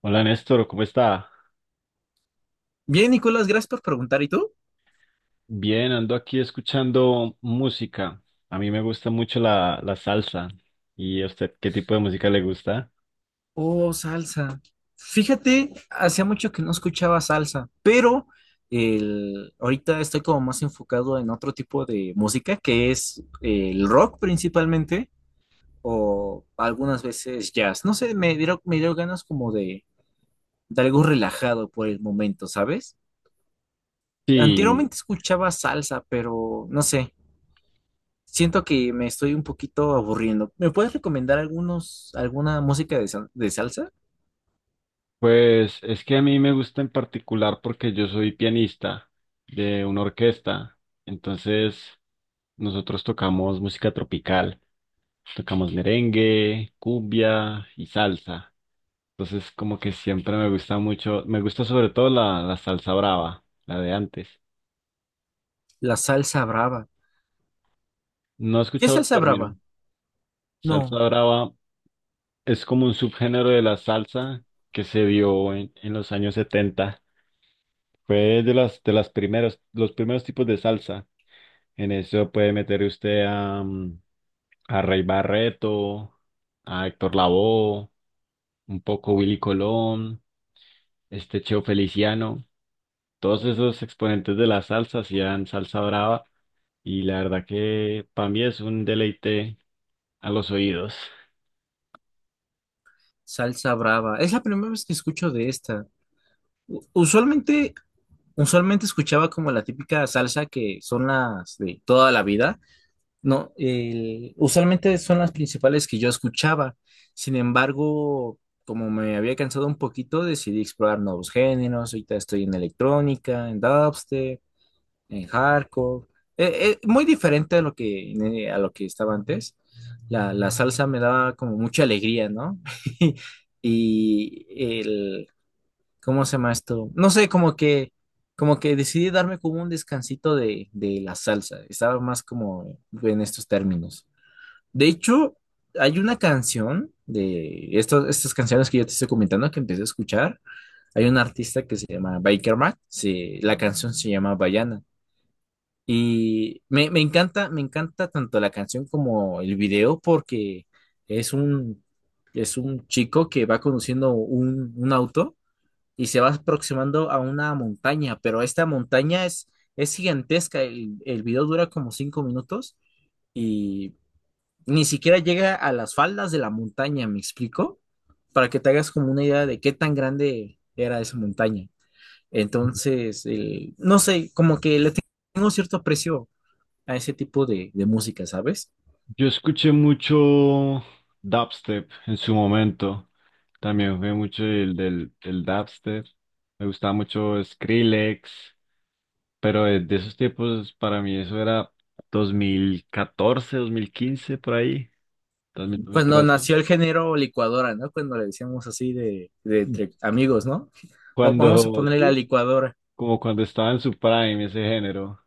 Hola Néstor, ¿cómo está? Bien, Nicolás, gracias por preguntar. ¿Y tú? Bien, ando aquí escuchando música. A mí me gusta mucho la salsa. ¿Y a usted qué tipo de música le gusta? Oh, salsa. Fíjate, hacía mucho que no escuchaba salsa, pero ahorita estoy como más enfocado en otro tipo de música, que es el rock principalmente, o algunas veces jazz. No sé, me dieron ganas como de algo relajado por el momento, ¿sabes? Sí, Anteriormente escuchaba salsa, pero no sé, siento que me estoy un poquito aburriendo. ¿Me puedes recomendar alguna música de salsa? pues es que a mí me gusta en particular porque yo soy pianista de una orquesta. Entonces, nosotros tocamos música tropical. Tocamos merengue, cumbia y salsa. Entonces, como que siempre me gusta mucho, me gusta sobre todo la salsa brava, la de antes. La salsa brava. No he ¿Qué escuchado el salsa término. brava? Salsa No, brava es como un subgénero de la salsa que se dio en los años 70. Fue los primeros tipos de salsa. En eso puede meter usted a Rey Barreto, a Héctor Lavoe, un poco Willy Colón, este Cheo Feliciano. Todos esos exponentes de la salsa hacían salsa brava y la verdad que para mí es un deleite a los oídos. salsa brava. Es la primera vez que escucho de esta. Usualmente, usualmente escuchaba como la típica salsa que son las de toda la vida. No, usualmente son las principales que yo escuchaba. Sin embargo, como me había cansado un poquito, decidí explorar nuevos géneros. Ahorita estoy en electrónica, en dubstep, en hardcore. Muy diferente a lo que estaba antes. La salsa me daba como mucha alegría, ¿no? Y el, ¿cómo se llama esto? No sé, como que decidí darme como un descansito de la salsa. Estaba más como en estos términos. De hecho, hay una canción de estas canciones que yo te estoy comentando que empecé a escuchar. Hay un artista que se llama Baker Mac. Sí, la canción se llama Bayana. Y me encanta tanto la canción como el video porque es un, es un chico que va conduciendo un auto y se va aproximando a una montaña, pero es gigantesca. El video dura como 5 minutos y ni siquiera llega a las faldas de la montaña, ¿me explico? Para que te hagas como una idea de qué tan grande era esa montaña. Entonces, no sé, como que le tengo cierto aprecio a ese tipo de música, ¿sabes? Yo escuché mucho dubstep en su momento. También fue mucho el del dubstep. Me gustaba mucho Skrillex, pero de esos tiempos para mí eso era 2014, 2015 por ahí, dos mil Cuando trece nació el género licuadora, ¿no? Cuando le decíamos así de entre amigos, ¿no? Vamos a Cuando, ponerle la sí, licuadora. como cuando estaba en su prime ese género.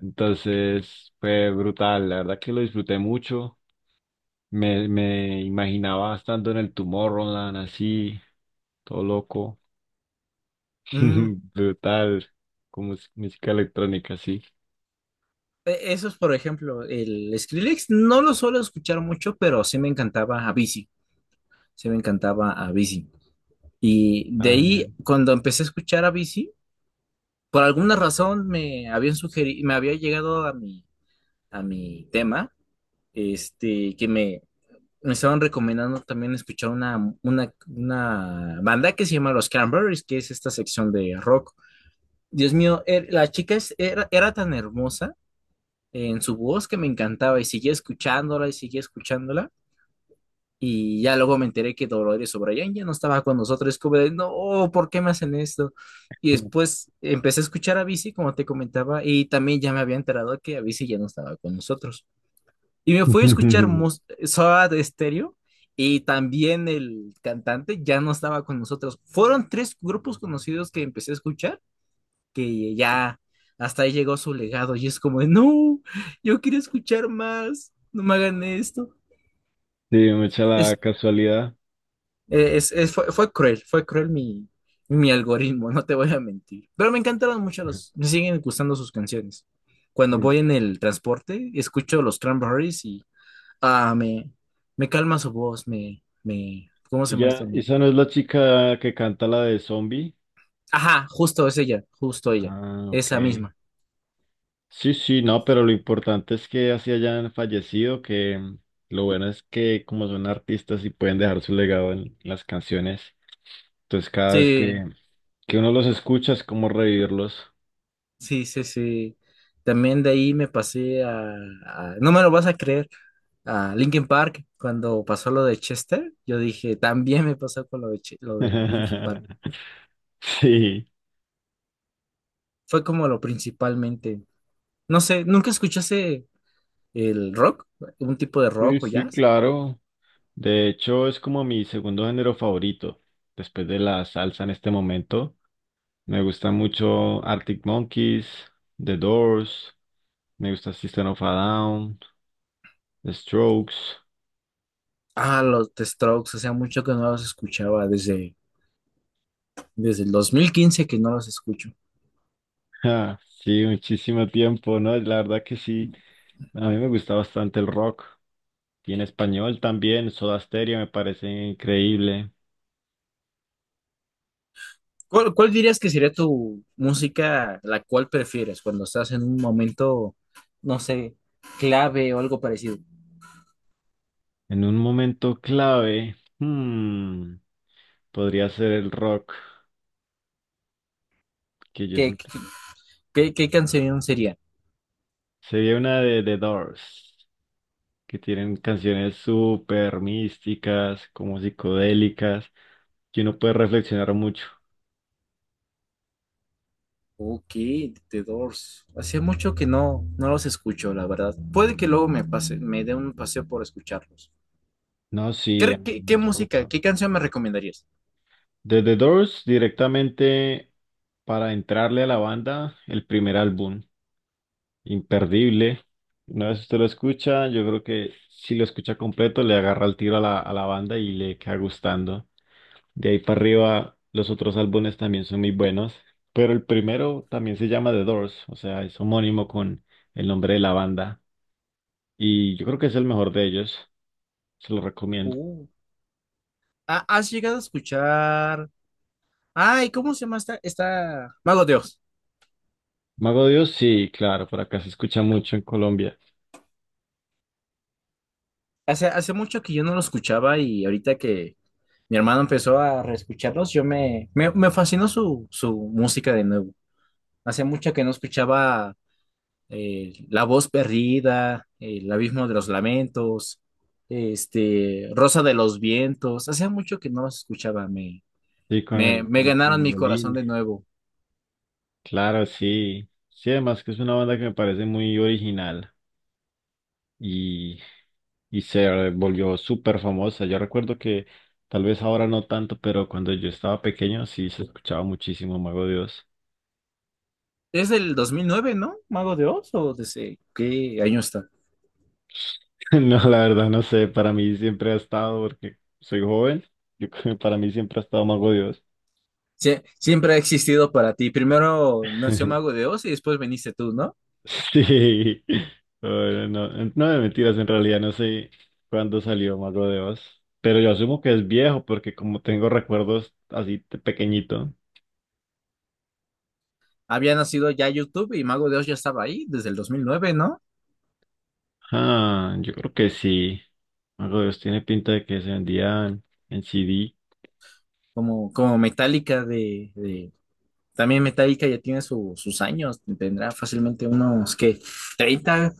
Entonces fue brutal, la verdad que lo disfruté mucho. Me imaginaba estando en el Tomorrowland así, todo loco, Mm, brutal, como música electrónica, sí. Eso es, por ejemplo, el Skrillex no lo suelo escuchar mucho, pero sí me encantaba a Avicii, sí me encantaba a Avicii. Y de Ah, ahí, genial. cuando empecé a escuchar a Avicii, por alguna razón me habían sugerido, me había llegado a mi tema, este, que me me estaban recomendando también escuchar una banda que se llama Los Cranberries, que es esta sección de rock. Dios mío, la chica era tan hermosa en su voz que me encantaba y seguía escuchándola y seguía escuchándola. Y ya luego me enteré que Dolores O'Brien ya no estaba con nosotros. Es como de, no, ¿por qué me hacen esto? Y después empecé a escuchar a Bici, como te comentaba, y también ya me había enterado que Avicii ya no estaba con nosotros. Y me fui a escuchar Soda Stereo y también el cantante ya no estaba con nosotros. Fueron tres grupos conocidos que empecé a escuchar, que ya hasta ahí llegó su legado y es como, de, no, yo quiero escuchar más, no me hagan esto. Sí, me echa la Es, casualidad. Fue cruel, mi mi algoritmo, no te voy a mentir. Pero me encantaron mucho me siguen gustando sus canciones. Cuando voy en el transporte, escucho los Cranberries y ah, me calma su voz, ¿cómo se llama ¿Ella, esto? Me, esa no es la chica que canta la de Zombie? ajá, justo es ella, justo ella, Ah, ok. esa misma. Sí, sí, no, pero lo importante es que así hayan fallecido, que lo bueno es que como son artistas y pueden dejar su legado en las canciones, entonces cada vez Sí, que uno los escucha es como revivirlos. sí, sí, sí. También de ahí me pasé no me lo vas a creer, a Linkin Park, cuando pasó lo de Chester, yo dije, también me pasó con lo de, lo de Linkin Park. Sí, Fue como lo principalmente, no sé, ¿nunca escuchaste el rock? ¿Un tipo de sí, rock o sí, jazz? claro. De hecho, es como mi segundo género favorito, después de la salsa en este momento. Me gusta mucho Arctic Monkeys, The Doors, me gusta System of a Down, The Strokes. Ah, los The Strokes, o sea, mucho que no los escuchaba desde desde el 2015 que no los escucho. Ah, sí, muchísimo tiempo, ¿no? La verdad que sí, a mí me gusta bastante el rock y en español también, Soda Stereo me parece increíble. Cuál dirías que sería tu música la cual prefieres cuando estás en un momento, no sé, clave o algo parecido? En un momento clave, podría ser el rock, que yo ¿Qué, qué, sent- qué canción sería? sería una de The Doors, que tienen canciones súper místicas, como psicodélicas, que uno puede reflexionar mucho. Ok, The Doors. Hacía mucho que no los escucho, la verdad. Puede que luego me pase, me dé un paseo por escucharlos. No, sí, a mí me Qué gusta música, mucho. qué canción me recomendarías? De The Doors directamente para entrarle a la banda, el primer álbum, imperdible. Una vez usted lo escucha, yo creo que si lo escucha completo, le agarra el tiro a la banda y le queda gustando. De ahí para arriba, los otros álbumes también son muy buenos, pero el primero también se llama The Doors, o sea, es homónimo con el nombre de la banda. Y yo creo que es el mejor de ellos, se lo recomiendo. Uh, has llegado a escuchar? Ay, ¿cómo se llama esta? Esta... Mago Dios. Mago de Dios, sí, claro, por acá se escucha mucho en Colombia. Hace mucho que yo no lo escuchaba y ahorita que mi hermano empezó a reescucharlos, yo me fascinó su música de nuevo. Hace mucho que no escuchaba La Voz Perdida, El Abismo de los Lamentos, este, Rosa de los Vientos. Hace mucho que no los escuchaba. Sí, Me con su ganaron mi corazón violín. de nuevo. Claro, sí. Sí, además que es una banda que me parece muy original y, y se volvió súper famosa. Yo recuerdo que tal vez ahora no tanto, pero cuando yo estaba pequeño sí se escuchaba muchísimo Mago Dios. Es del 2009, ¿no? Mago de Oz, ¿o desde qué año está? No, la verdad no sé, para mí siempre ha estado, porque soy joven, yo creo que para mí siempre ha estado Mago Dios. Siempre ha existido para ti. Primero nació Mago de Oz y después viniste tú, ¿no? Sí. Bueno, no, no de mentiras, en realidad no sé cuándo salió Mago de Oz, pero yo asumo que es viejo porque como tengo recuerdos así de pequeñito. Había nacido ya YouTube y Mago de Oz ya estaba ahí desde el 2009, ¿no? Ah, yo creo que sí. Mago de Oz tiene pinta de que se vendían en CD. Como, como Metallica también Metallica ya tiene sus años, tendrá fácilmente unos, ¿qué? 30,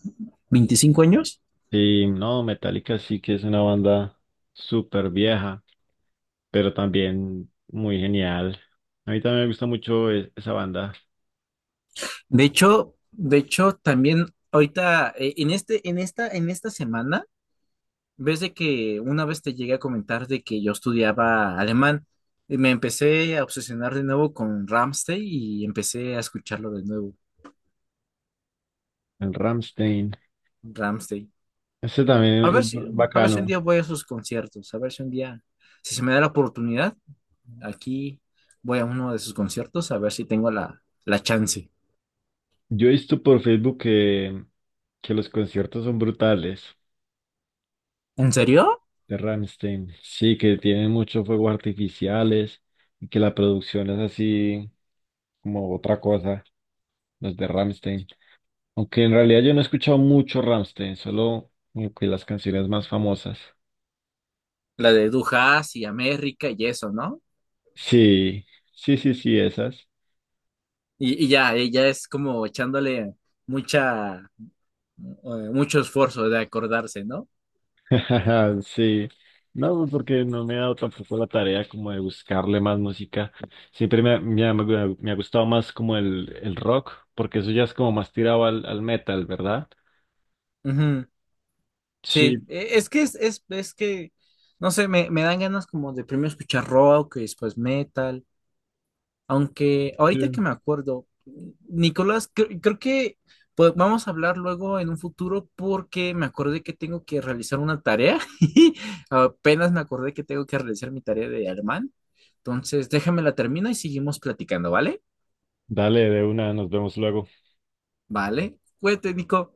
25 años. Sí, no, Metallica sí que es una banda súper vieja, pero también muy genial. A mí también me gusta mucho esa banda, De hecho, también ahorita, en esta, semana, ves de que una vez te llegué a comentar de que yo estudiaba alemán. Y me empecé a obsesionar de nuevo con Rammstein y empecé a escucharlo de nuevo, el Rammstein. Ramstein. Ese también A es ver si, a ver si un bacano. día voy a sus conciertos, a ver si un día, si se me da la oportunidad, aquí voy a uno de sus conciertos a ver si tengo la chance. Yo he visto por Facebook que los conciertos son brutales ¿En serio? de Rammstein. Sí, que tienen muchos fuegos artificiales y que la producción es así como otra cosa, los de Rammstein. Aunque en realidad yo no he escuchado mucho Rammstein, solo como que las canciones más famosas. La de Dujas y América y eso, ¿no? Sí, sí, sí, sí, esas. Y ya es como echándole mucha, mucho esfuerzo de acordarse, ¿no? Ajá, sí, no, pues porque no me he dado tampoco la tarea como de buscarle más música. Siempre me ha gustado más como el rock, porque eso ya es como más tirado al metal, ¿verdad? Ujú. Sí, Sí, es que es que, no sé, me dan ganas como de primero escuchar rock y después metal. Aunque sí. ahorita que me acuerdo, Nicolás, creo que pues, vamos a hablar luego en un futuro porque me acordé que tengo que realizar una tarea. Apenas me acordé que tengo que realizar mi tarea de alemán. Entonces, déjame la termino y seguimos platicando, ¿vale? Dale, de una, nos vemos luego. Vale. Cuídate, Nico.